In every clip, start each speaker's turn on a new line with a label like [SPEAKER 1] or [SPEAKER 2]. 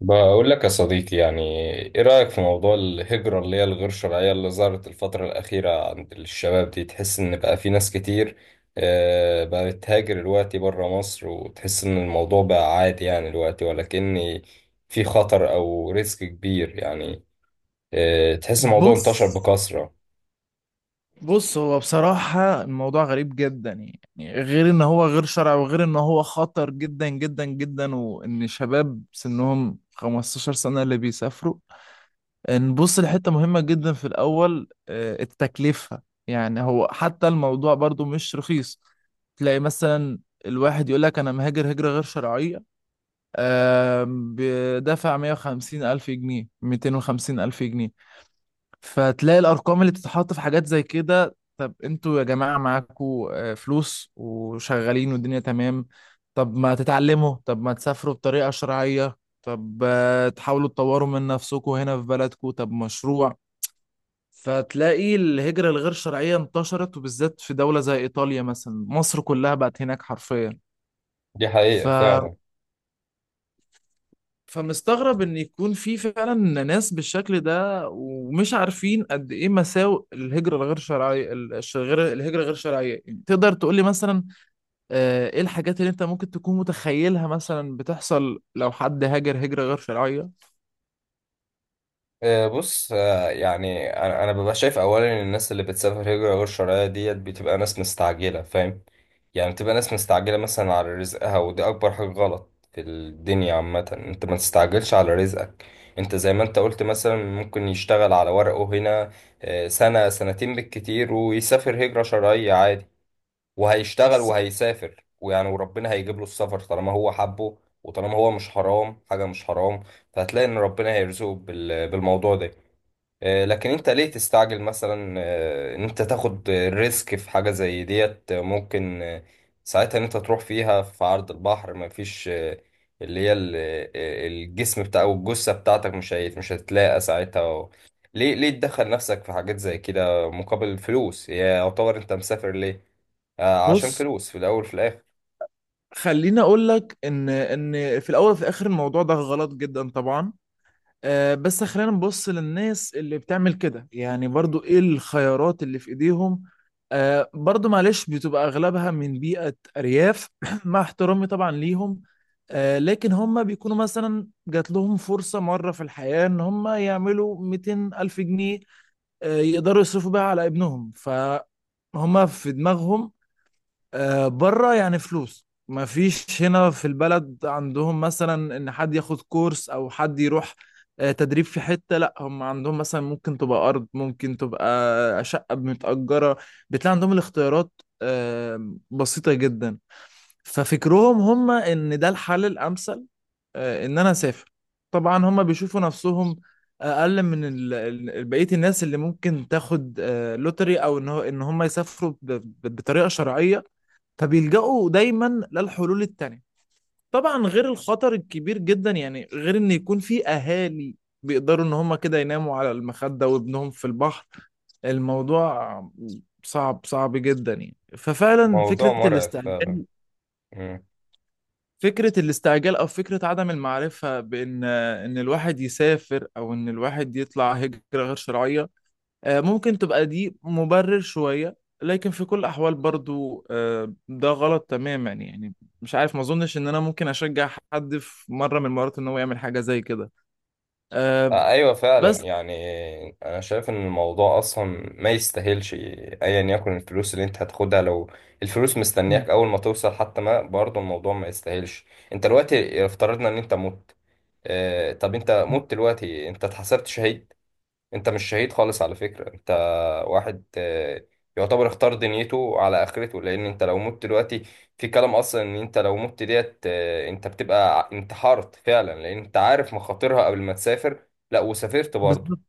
[SPEAKER 1] بقول لك يا صديقي يعني ايه رأيك في موضوع الهجرة اللي هي الغير شرعية اللي ظهرت الفترة الأخيرة عند الشباب؟ دي تحس إن بقى في ناس كتير بقت تهاجر دلوقتي بره مصر، وتحس إن الموضوع بقى عادي يعني دلوقتي، ولكن في خطر أو ريسك كبير يعني. تحس الموضوع
[SPEAKER 2] بص
[SPEAKER 1] انتشر بكثرة.
[SPEAKER 2] بص هو بصراحة الموضوع غريب جدا. يعني غير ان هو غير شرعي وغير ان هو خطر جدا جدا جدا وان شباب سنهم 15 سنة اللي بيسافروا. نبص لحتة مهمة جدا في الاول، التكلفة. يعني هو حتى الموضوع برضو مش رخيص. تلاقي مثلا الواحد يقول لك انا مهاجر هجرة غير شرعية. بدافع 150 الف جنيه، 250 الف جنيه. فتلاقي الارقام اللي بتتحط في حاجات زي كده. طب انتوا يا جماعه معاكوا فلوس وشغالين والدنيا تمام؟ طب ما تتعلموا؟ طب ما تسافروا بطريقه شرعيه؟ طب تحاولوا تطوروا من نفسكم هنا في بلدكم؟ طب مشروع؟ فتلاقي الهجرة الغير شرعية انتشرت، وبالذات في دولة زي إيطاليا، مثلا مصر كلها بقت هناك حرفيا.
[SPEAKER 1] دي
[SPEAKER 2] ف
[SPEAKER 1] حقيقة فعلا.
[SPEAKER 2] فمستغرب ان يكون في فعلا ناس بالشكل ده ومش عارفين قد ايه مساوئ الهجرة الغير شرعية. غير الهجرة غير شرعية. يعني تقدر تقول لي مثلا، ايه الحاجات اللي انت ممكن تكون متخيلها مثلا بتحصل لو حد هاجر هجرة غير شرعية؟
[SPEAKER 1] بص، يعني أنا ببقى شايف اولا ان الناس اللي بتسافر هجره غير شرعيه ديت بتبقى ناس مستعجله، فاهم؟ يعني بتبقى ناس مستعجله مثلا على رزقها، ودي اكبر حاجه غلط في الدنيا عامه. انت ما تستعجلش على رزقك. انت زي ما انت قلت مثلا ممكن يشتغل على ورقه هنا سنه سنتين بالكتير، ويسافر هجره شرعيه عادي. وهيشتغل
[SPEAKER 2] بالظبط.
[SPEAKER 1] وهيسافر، ويعني وربنا هيجيب له السفر طالما هو حبه، وطالما هو مش حرام. حاجه مش حرام. فهتلاقي ان ربنا هيرزقه بالموضوع ده. لكن انت ليه تستعجل مثلا؟ ان انت تاخد ريسك في حاجة زي ديت، ممكن ساعتها ان انت تروح فيها في عرض البحر. مفيش اللي هي ال- الجسم بتاع او الجثة بتاعتك مش هتلاقى ساعتها ليه؟ ليه تدخل نفسك في حاجات زي كده مقابل الفلوس؟ هي يعتبر انت مسافر ليه؟ عشان
[SPEAKER 2] بص،
[SPEAKER 1] فلوس في الاول في الاخر.
[SPEAKER 2] خليني اقول لك ان في الاول وفي الاخر الموضوع ده غلط جدا طبعا. بس خلينا نبص للناس اللي بتعمل كده، يعني برضو ايه الخيارات اللي في ايديهم؟ برضو معلش بتبقى اغلبها من بيئة ارياف مع احترامي طبعا ليهم. لكن هم بيكونوا مثلا جات لهم فرصة مرة في الحياة ان هم يعملوا 200 الف جنيه. يقدروا يصرفوا بيها على ابنهم، فهم في دماغهم بره يعني فلوس، ما فيش هنا في البلد عندهم مثلا ان حد ياخد كورس او حد يروح تدريب في حتة. لا هم عندهم مثلا ممكن تبقى ارض، ممكن تبقى شقة متأجرة. بتلاقي عندهم الاختيارات بسيطة جدا. ففكرهم هم ان ده الحل الامثل، ان انا اسافر. طبعا هم بيشوفوا نفسهم اقل من بقية الناس اللي ممكن تاخد لوتري، او ان هم يسافروا بطريقة شرعية. فبيلجأوا دايما للحلول التانية. طبعا غير الخطر الكبير جدا، يعني غير ان يكون في اهالي بيقدروا ان هم كده يناموا على المخدة وابنهم في البحر. الموضوع صعب صعب جدا يعني. ففعلا
[SPEAKER 1] موضوع
[SPEAKER 2] فكرة
[SPEAKER 1] مرعب فعلا.
[SPEAKER 2] الاستعجال، فكرة الاستعجال او فكرة عدم المعرفة، بان الواحد يسافر او ان الواحد يطلع هجرة غير شرعية، ممكن تبقى دي مبرر شوية. لكن في كل الأحوال برضو ده غلط تماما يعني. مش عارف، ما أظنش إن أنا ممكن أشجع حد في مرة من المرات إن هو يعمل حاجة زي كده. آه،
[SPEAKER 1] ايوه فعلا
[SPEAKER 2] بس.
[SPEAKER 1] يعني. انا شايف ان الموضوع اصلا ما يستاهلش، ايا يكن الفلوس اللي انت هتاخدها. لو الفلوس
[SPEAKER 2] مم.
[SPEAKER 1] مستنياك اول ما توصل حتى، ما برضه الموضوع ما يستاهلش. انت دلوقتي افترضنا ان انت مت. طب انت مت دلوقتي، انت اتحسبت شهيد؟ انت مش شهيد خالص على فكرة. انت واحد يعتبر اختار دنيته على اخرته. لان انت لو مت دلوقتي، في كلام اصلا ان انت لو مت ديت انت بتبقى انتحرت فعلا. لان انت عارف مخاطرها قبل ما تسافر، لا وسافرت برضه.
[SPEAKER 2] بالظبط.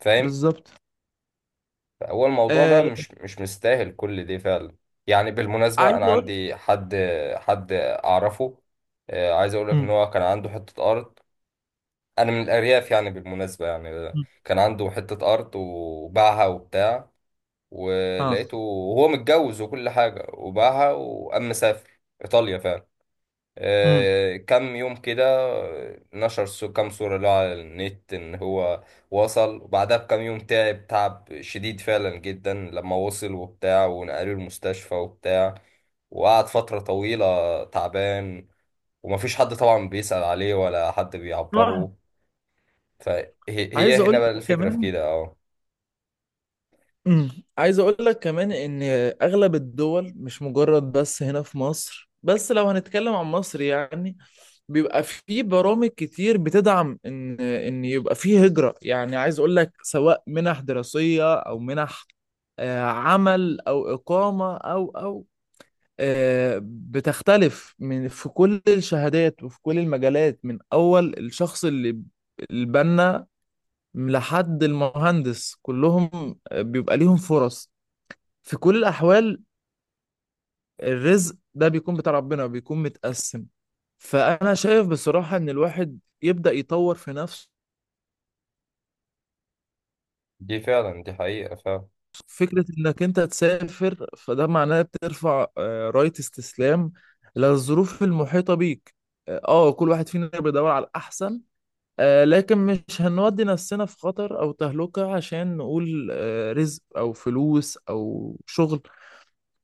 [SPEAKER 1] فاهم؟
[SPEAKER 2] بالظبط.
[SPEAKER 1] فهو الموضوع
[SPEAKER 2] آه،
[SPEAKER 1] بقى مش مستاهل كل ده فعلا. يعني بالمناسبة
[SPEAKER 2] عايز
[SPEAKER 1] انا
[SPEAKER 2] أقول.
[SPEAKER 1] عندي حد، حد اعرفه. عايز اقول لك ان
[SPEAKER 2] مم.
[SPEAKER 1] هو كان عنده حتة ارض. انا من الارياف يعني بالمناسبة يعني.
[SPEAKER 2] مم.
[SPEAKER 1] كان عنده حتة ارض وباعها وبتاع،
[SPEAKER 2] آه.
[SPEAKER 1] ولقيته وهو متجوز وكل حاجة وباعها، وقام مسافر إيطاليا فعلا.
[SPEAKER 2] مم.
[SPEAKER 1] كام يوم كده نشر كام صورة له على النت إن هو وصل. وبعدها بكام يوم تعب، تعب شديد فعلا جدا لما وصل وبتاع، ونقلوه المستشفى وبتاع. وقعد فترة طويلة تعبان، ومفيش حد طبعا بيسأل عليه ولا حد
[SPEAKER 2] آه،
[SPEAKER 1] بيعبره. فهي
[SPEAKER 2] عايز
[SPEAKER 1] هي
[SPEAKER 2] أقول
[SPEAKER 1] هنا بقى
[SPEAKER 2] لك
[SPEAKER 1] الفكرة في
[SPEAKER 2] كمان.
[SPEAKER 1] كده، اه.
[SPEAKER 2] عايز اقول لك كمان ان اغلب الدول، مش مجرد بس هنا في مصر، بس لو هنتكلم عن مصر يعني بيبقى في برامج كتير بتدعم ان يبقى في هجرة. يعني عايز اقول لك سواء منح دراسية او منح عمل او اقامة او بتختلف من في كل الشهادات وفي كل المجالات، من اول الشخص اللي البنا لحد المهندس كلهم بيبقى ليهم فرص. في كل الأحوال الرزق ده بيكون بتاع ربنا، بيكون متقسم. فأنا شايف بصراحة إن الواحد يبدأ يطور في نفسه.
[SPEAKER 1] دي فعلا، دي حقيقة فعلا.
[SPEAKER 2] فكرة إنك أنت تسافر، فده معناه بترفع راية استسلام للظروف المحيطة بيك. كل واحد فينا بيدور على الأحسن، لكن مش هنودي نفسنا في خطر أو تهلكة عشان نقول آه رزق أو فلوس أو شغل.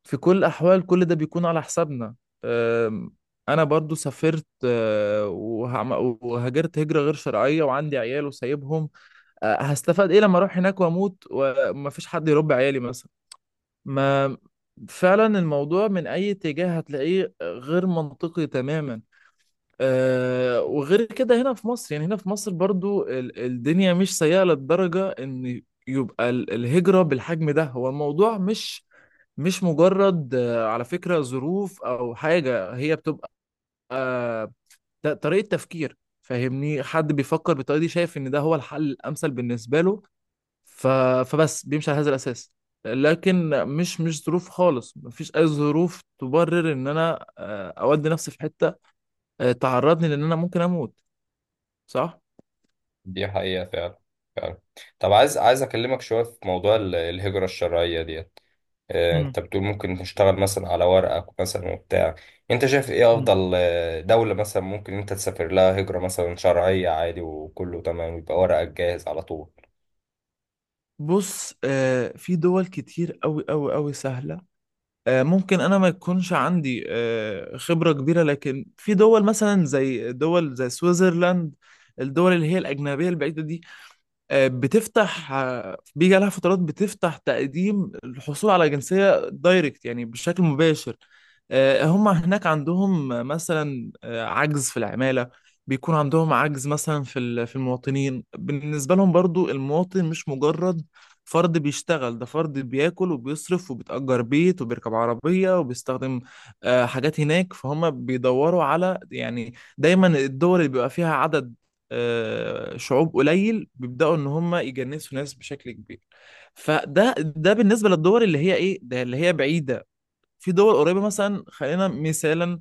[SPEAKER 2] في كل الأحوال كل ده بيكون على حسابنا. أم، أنا برضو سافرت، وهاجرت هجرة غير شرعية وعندي عيال وسايبهم. هستفاد إيه لما أروح هناك وأموت ومفيش حد يربي عيالي مثلا؟ ما فعلا الموضوع من أي اتجاه هتلاقيه غير منطقي تماما. وغير كده، هنا في مصر، يعني هنا في مصر برضو الدنيا مش سيئة للدرجة ان يبقى الهجرة بالحجم ده. هو الموضوع مش مجرد على فكرة ظروف او حاجة، هي بتبقى آه، طريقة تفكير. فاهمني؟ حد بيفكر بالطريقة دي شايف ان ده هو الحل الامثل بالنسبة له. ف... فبس بيمشي على هذا الاساس. لكن مش ظروف خالص، مفيش اي ظروف تبرر ان انا اودي نفسي في حتة تعرضني لان انا ممكن اموت. صح.
[SPEAKER 1] دي حقيقة فعلا. فعلا. طب عايز اكلمك شوية في موضوع الهجرة الشرعية ديت.
[SPEAKER 2] مم.
[SPEAKER 1] انت بتقول ممكن تشتغل مثلا على ورقك مثلا وبتاع. انت شايف ايه
[SPEAKER 2] مم.
[SPEAKER 1] افضل دولة مثلا ممكن انت تسافر لها هجرة مثلا شرعية عادي، وكله تمام، يبقى ورقك جاهز على طول؟
[SPEAKER 2] بص، في دول كتير قوي قوي قوي سهلة. ممكن انا ما يكونش عندي خبرة كبيرة، لكن في دول مثلا زي دول زي سويسرلاند. الدول اللي هي الأجنبية البعيدة دي بتفتح، بيجي عليها فترات بتفتح تقديم الحصول على جنسية دايركت يعني بشكل مباشر. هم هناك عندهم مثلا عجز في العمالة. بيكون عندهم عجز مثلا في المواطنين. بالنسبة لهم برضو المواطن مش مجرد فرد بيشتغل، ده فرد بياكل وبيصرف وبيتأجر بيت وبيركب عربية وبيستخدم حاجات هناك. فهم بيدوروا على، يعني دايما الدول اللي بيبقى فيها عدد شعوب قليل بيبدأوا ان هم يجنسوا ناس بشكل كبير. فده ده بالنسبة للدول اللي هي ايه، ده اللي هي بعيدة. في دول قريبة مثلا، خلينا مثالا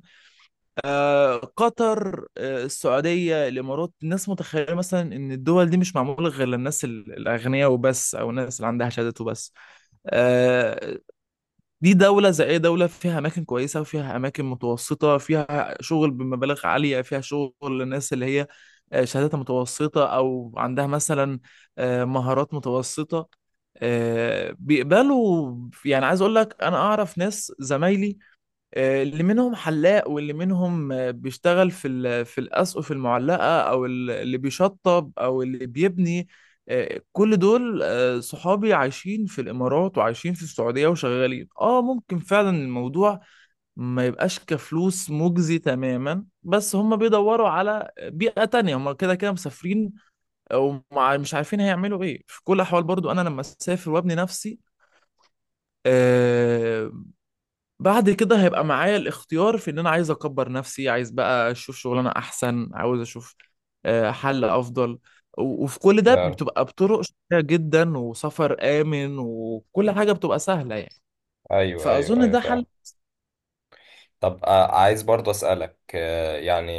[SPEAKER 2] قطر، السعودية، الإمارات. الناس متخيلة مثلا إن الدول دي مش معمولة غير للناس الأغنياء وبس، أو الناس اللي عندها شهادات وبس. آه، دي دولة زي أي دولة، فيها أماكن كويسة وفيها أماكن متوسطة، فيها شغل بمبالغ عالية، فيها شغل للناس اللي هي شهاداتها متوسطة أو عندها مثلا مهارات متوسطة. بيقبلوا. يعني عايز أقول لك، أنا أعرف ناس زمايلي اللي منهم حلاق، واللي منهم بيشتغل في الأسقف المعلقة، أو اللي بيشطب أو اللي بيبني. كل دول صحابي عايشين في الإمارات وعايشين في السعودية وشغالين. ممكن فعلا الموضوع ما يبقاش كفلوس مجزي تماما، بس هم بيدوروا على بيئة تانية، هم كده كده مسافرين ومش عارفين هيعملوا إيه. في كل الأحوال برضو أنا لما أسافر وأبني نفسي آه، بعد كده هيبقى معايا الاختيار في ان انا عايز اكبر نفسي، عايز بقى اشوف شغلانه احسن، عاوز اشوف حل افضل. وفي كل ده
[SPEAKER 1] فعلا.
[SPEAKER 2] بتبقى بطرق شيقة جدا وسفر امن وكل حاجه بتبقى سهله يعني.
[SPEAKER 1] ايوه ايوه
[SPEAKER 2] فاظن
[SPEAKER 1] ايوه
[SPEAKER 2] ده
[SPEAKER 1] فعلا.
[SPEAKER 2] حل.
[SPEAKER 1] طب عايز برضه أسألك، يعني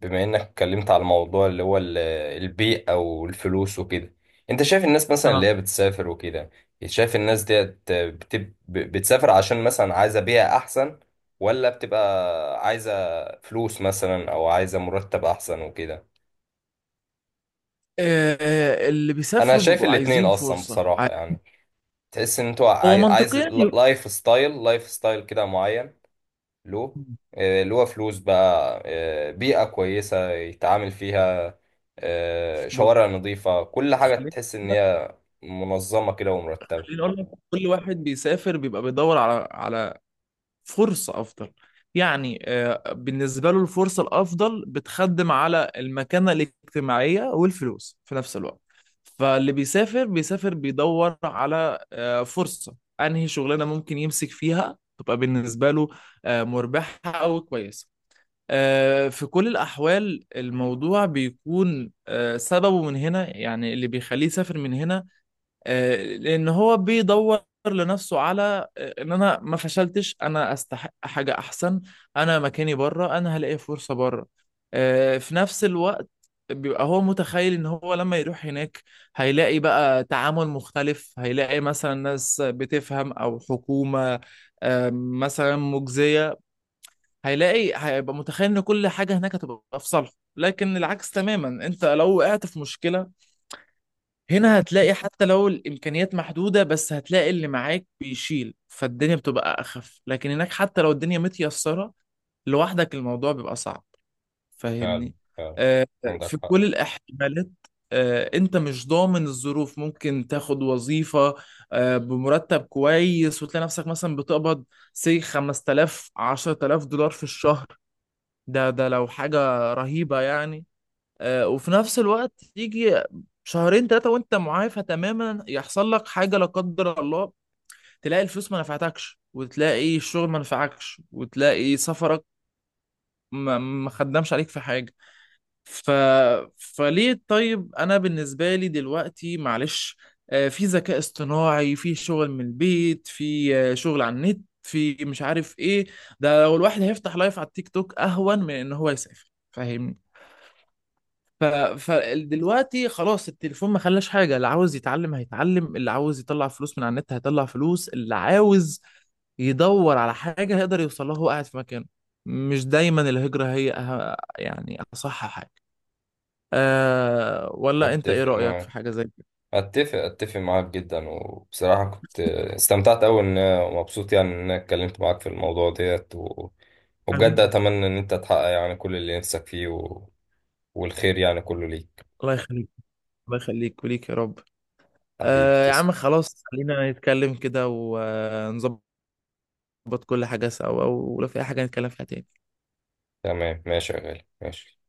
[SPEAKER 1] بما إنك اتكلمت على الموضوع اللي هو البيئة والفلوس وكده. أنت شايف الناس مثلا اللي
[SPEAKER 2] اه.
[SPEAKER 1] هي بتسافر وكده، شايف الناس ديت بتسافر عشان مثلا عايزة بيئة أحسن، ولا بتبقى عايزة فلوس مثلا، أو عايزة مرتب أحسن وكده؟
[SPEAKER 2] آه، اللي
[SPEAKER 1] أنا
[SPEAKER 2] بيسافروا
[SPEAKER 1] شايف
[SPEAKER 2] بيبقوا
[SPEAKER 1] الاتنين
[SPEAKER 2] عايزين
[SPEAKER 1] أصلا
[SPEAKER 2] فرصه.
[SPEAKER 1] بصراحة يعني. تحس إن أنتوا
[SPEAKER 2] هو
[SPEAKER 1] عايز
[SPEAKER 2] منطقيا ي-
[SPEAKER 1] لايف ستايل، لايف ستايل كده معين له، اللي هو فلوس بقى، بيئة كويسة يتعامل فيها،
[SPEAKER 2] بص،
[SPEAKER 1] شوارع نظيفة، كل حاجة
[SPEAKER 2] خليني
[SPEAKER 1] تحس إن هي منظمة كده ومرتبة.
[SPEAKER 2] خليني اقول لك، كل واحد بيسافر بيبقى بيدور على فرصة أفضل. يعني بالنسبة له الفرصة الأفضل بتخدم على المكانة الاجتماعية والفلوس في نفس الوقت. فاللي بيسافر، بيسافر بيدور على فرصة. أنهي شغلانة ممكن يمسك فيها تبقى بالنسبة له مربحة أو كويسة. في كل الأحوال الموضوع بيكون سببه من هنا، يعني اللي بيخليه يسافر من هنا، لان هو بيدور لنفسه على ان انا ما فشلتش، انا استحق حاجه احسن، انا مكاني بره، انا هلاقي فرصه بره. في نفس الوقت بيبقى هو متخيل ان هو لما يروح هناك هيلاقي بقى تعامل مختلف، هيلاقي مثلا ناس بتفهم او حكومه مثلا مجزيه. هيلاقي، هيبقى متخيل ان كل حاجه هناك هتبقى في صالحه، لكن العكس تماما. انت لو وقعت في مشكله هنا هتلاقي حتى لو الامكانيات محدوده، بس هتلاقي اللي معاك بيشيل، فالدنيا بتبقى اخف. لكن هناك حتى لو الدنيا متيسره، لوحدك الموضوع بيبقى صعب.
[SPEAKER 1] فعلا،
[SPEAKER 2] فاهمني؟
[SPEAKER 1] فعلا،
[SPEAKER 2] آه،
[SPEAKER 1] عندك
[SPEAKER 2] في
[SPEAKER 1] حق.
[SPEAKER 2] كل الاحتمالات انت مش ضامن الظروف. ممكن تاخد وظيفه بمرتب كويس، وتلاقي نفسك مثلا بتقبض سي 5000، 10000 دولار في الشهر، ده لو حاجه رهيبه يعني. وفي نفس الوقت يجي شهرين ثلاثة وانت معافى تماما يحصل لك حاجة لا قدر الله، تلاقي الفلوس ما نفعتكش، وتلاقي الشغل ما نفعكش، وتلاقي سفرك ما خدمش عليك في حاجة. ف... فليه؟ طيب انا بالنسبة لي دلوقتي، معلش، في ذكاء اصطناعي، في شغل من البيت، في شغل على النت، في مش عارف ايه. ده لو الواحد هيفتح لايف على التيك توك اهون من ان هو يسافر. فاهمني؟ ف... فدلوقتي خلاص، التليفون ما خلاش حاجة، اللي عاوز يتعلم هيتعلم، اللي عاوز يطلع فلوس من على النت هيطلع فلوس، اللي عاوز يدور على حاجة هيقدر يوصل لها وهو قاعد في مكانه. مش دايما الهجرة هي يعني أصح حاجة. ولا أنت إيه
[SPEAKER 1] أتفق
[SPEAKER 2] رأيك في
[SPEAKER 1] معاك،
[SPEAKER 2] حاجة زي كده؟
[SPEAKER 1] أتفق معاك جدا. وبصراحة كنت استمتعت أوي إن، مبسوط يعني إن أنا اتكلمت معاك في الموضوع ديت وبجد
[SPEAKER 2] حبيبي.
[SPEAKER 1] أتمنى إن أنت تحقق يعني كل اللي نفسك فيه والخير يعني كله ليك.
[SPEAKER 2] الله يخليك. الله يخليك وليك يا رب.
[SPEAKER 1] حبيبي
[SPEAKER 2] يا
[SPEAKER 1] تسلم.
[SPEAKER 2] عم خلاص، خلينا نتكلم كده ونظبط كل حاجة سوا، ولو في أي حاجة نتكلم فيها تاني.
[SPEAKER 1] تمام ماشي يا غالي، ماشي.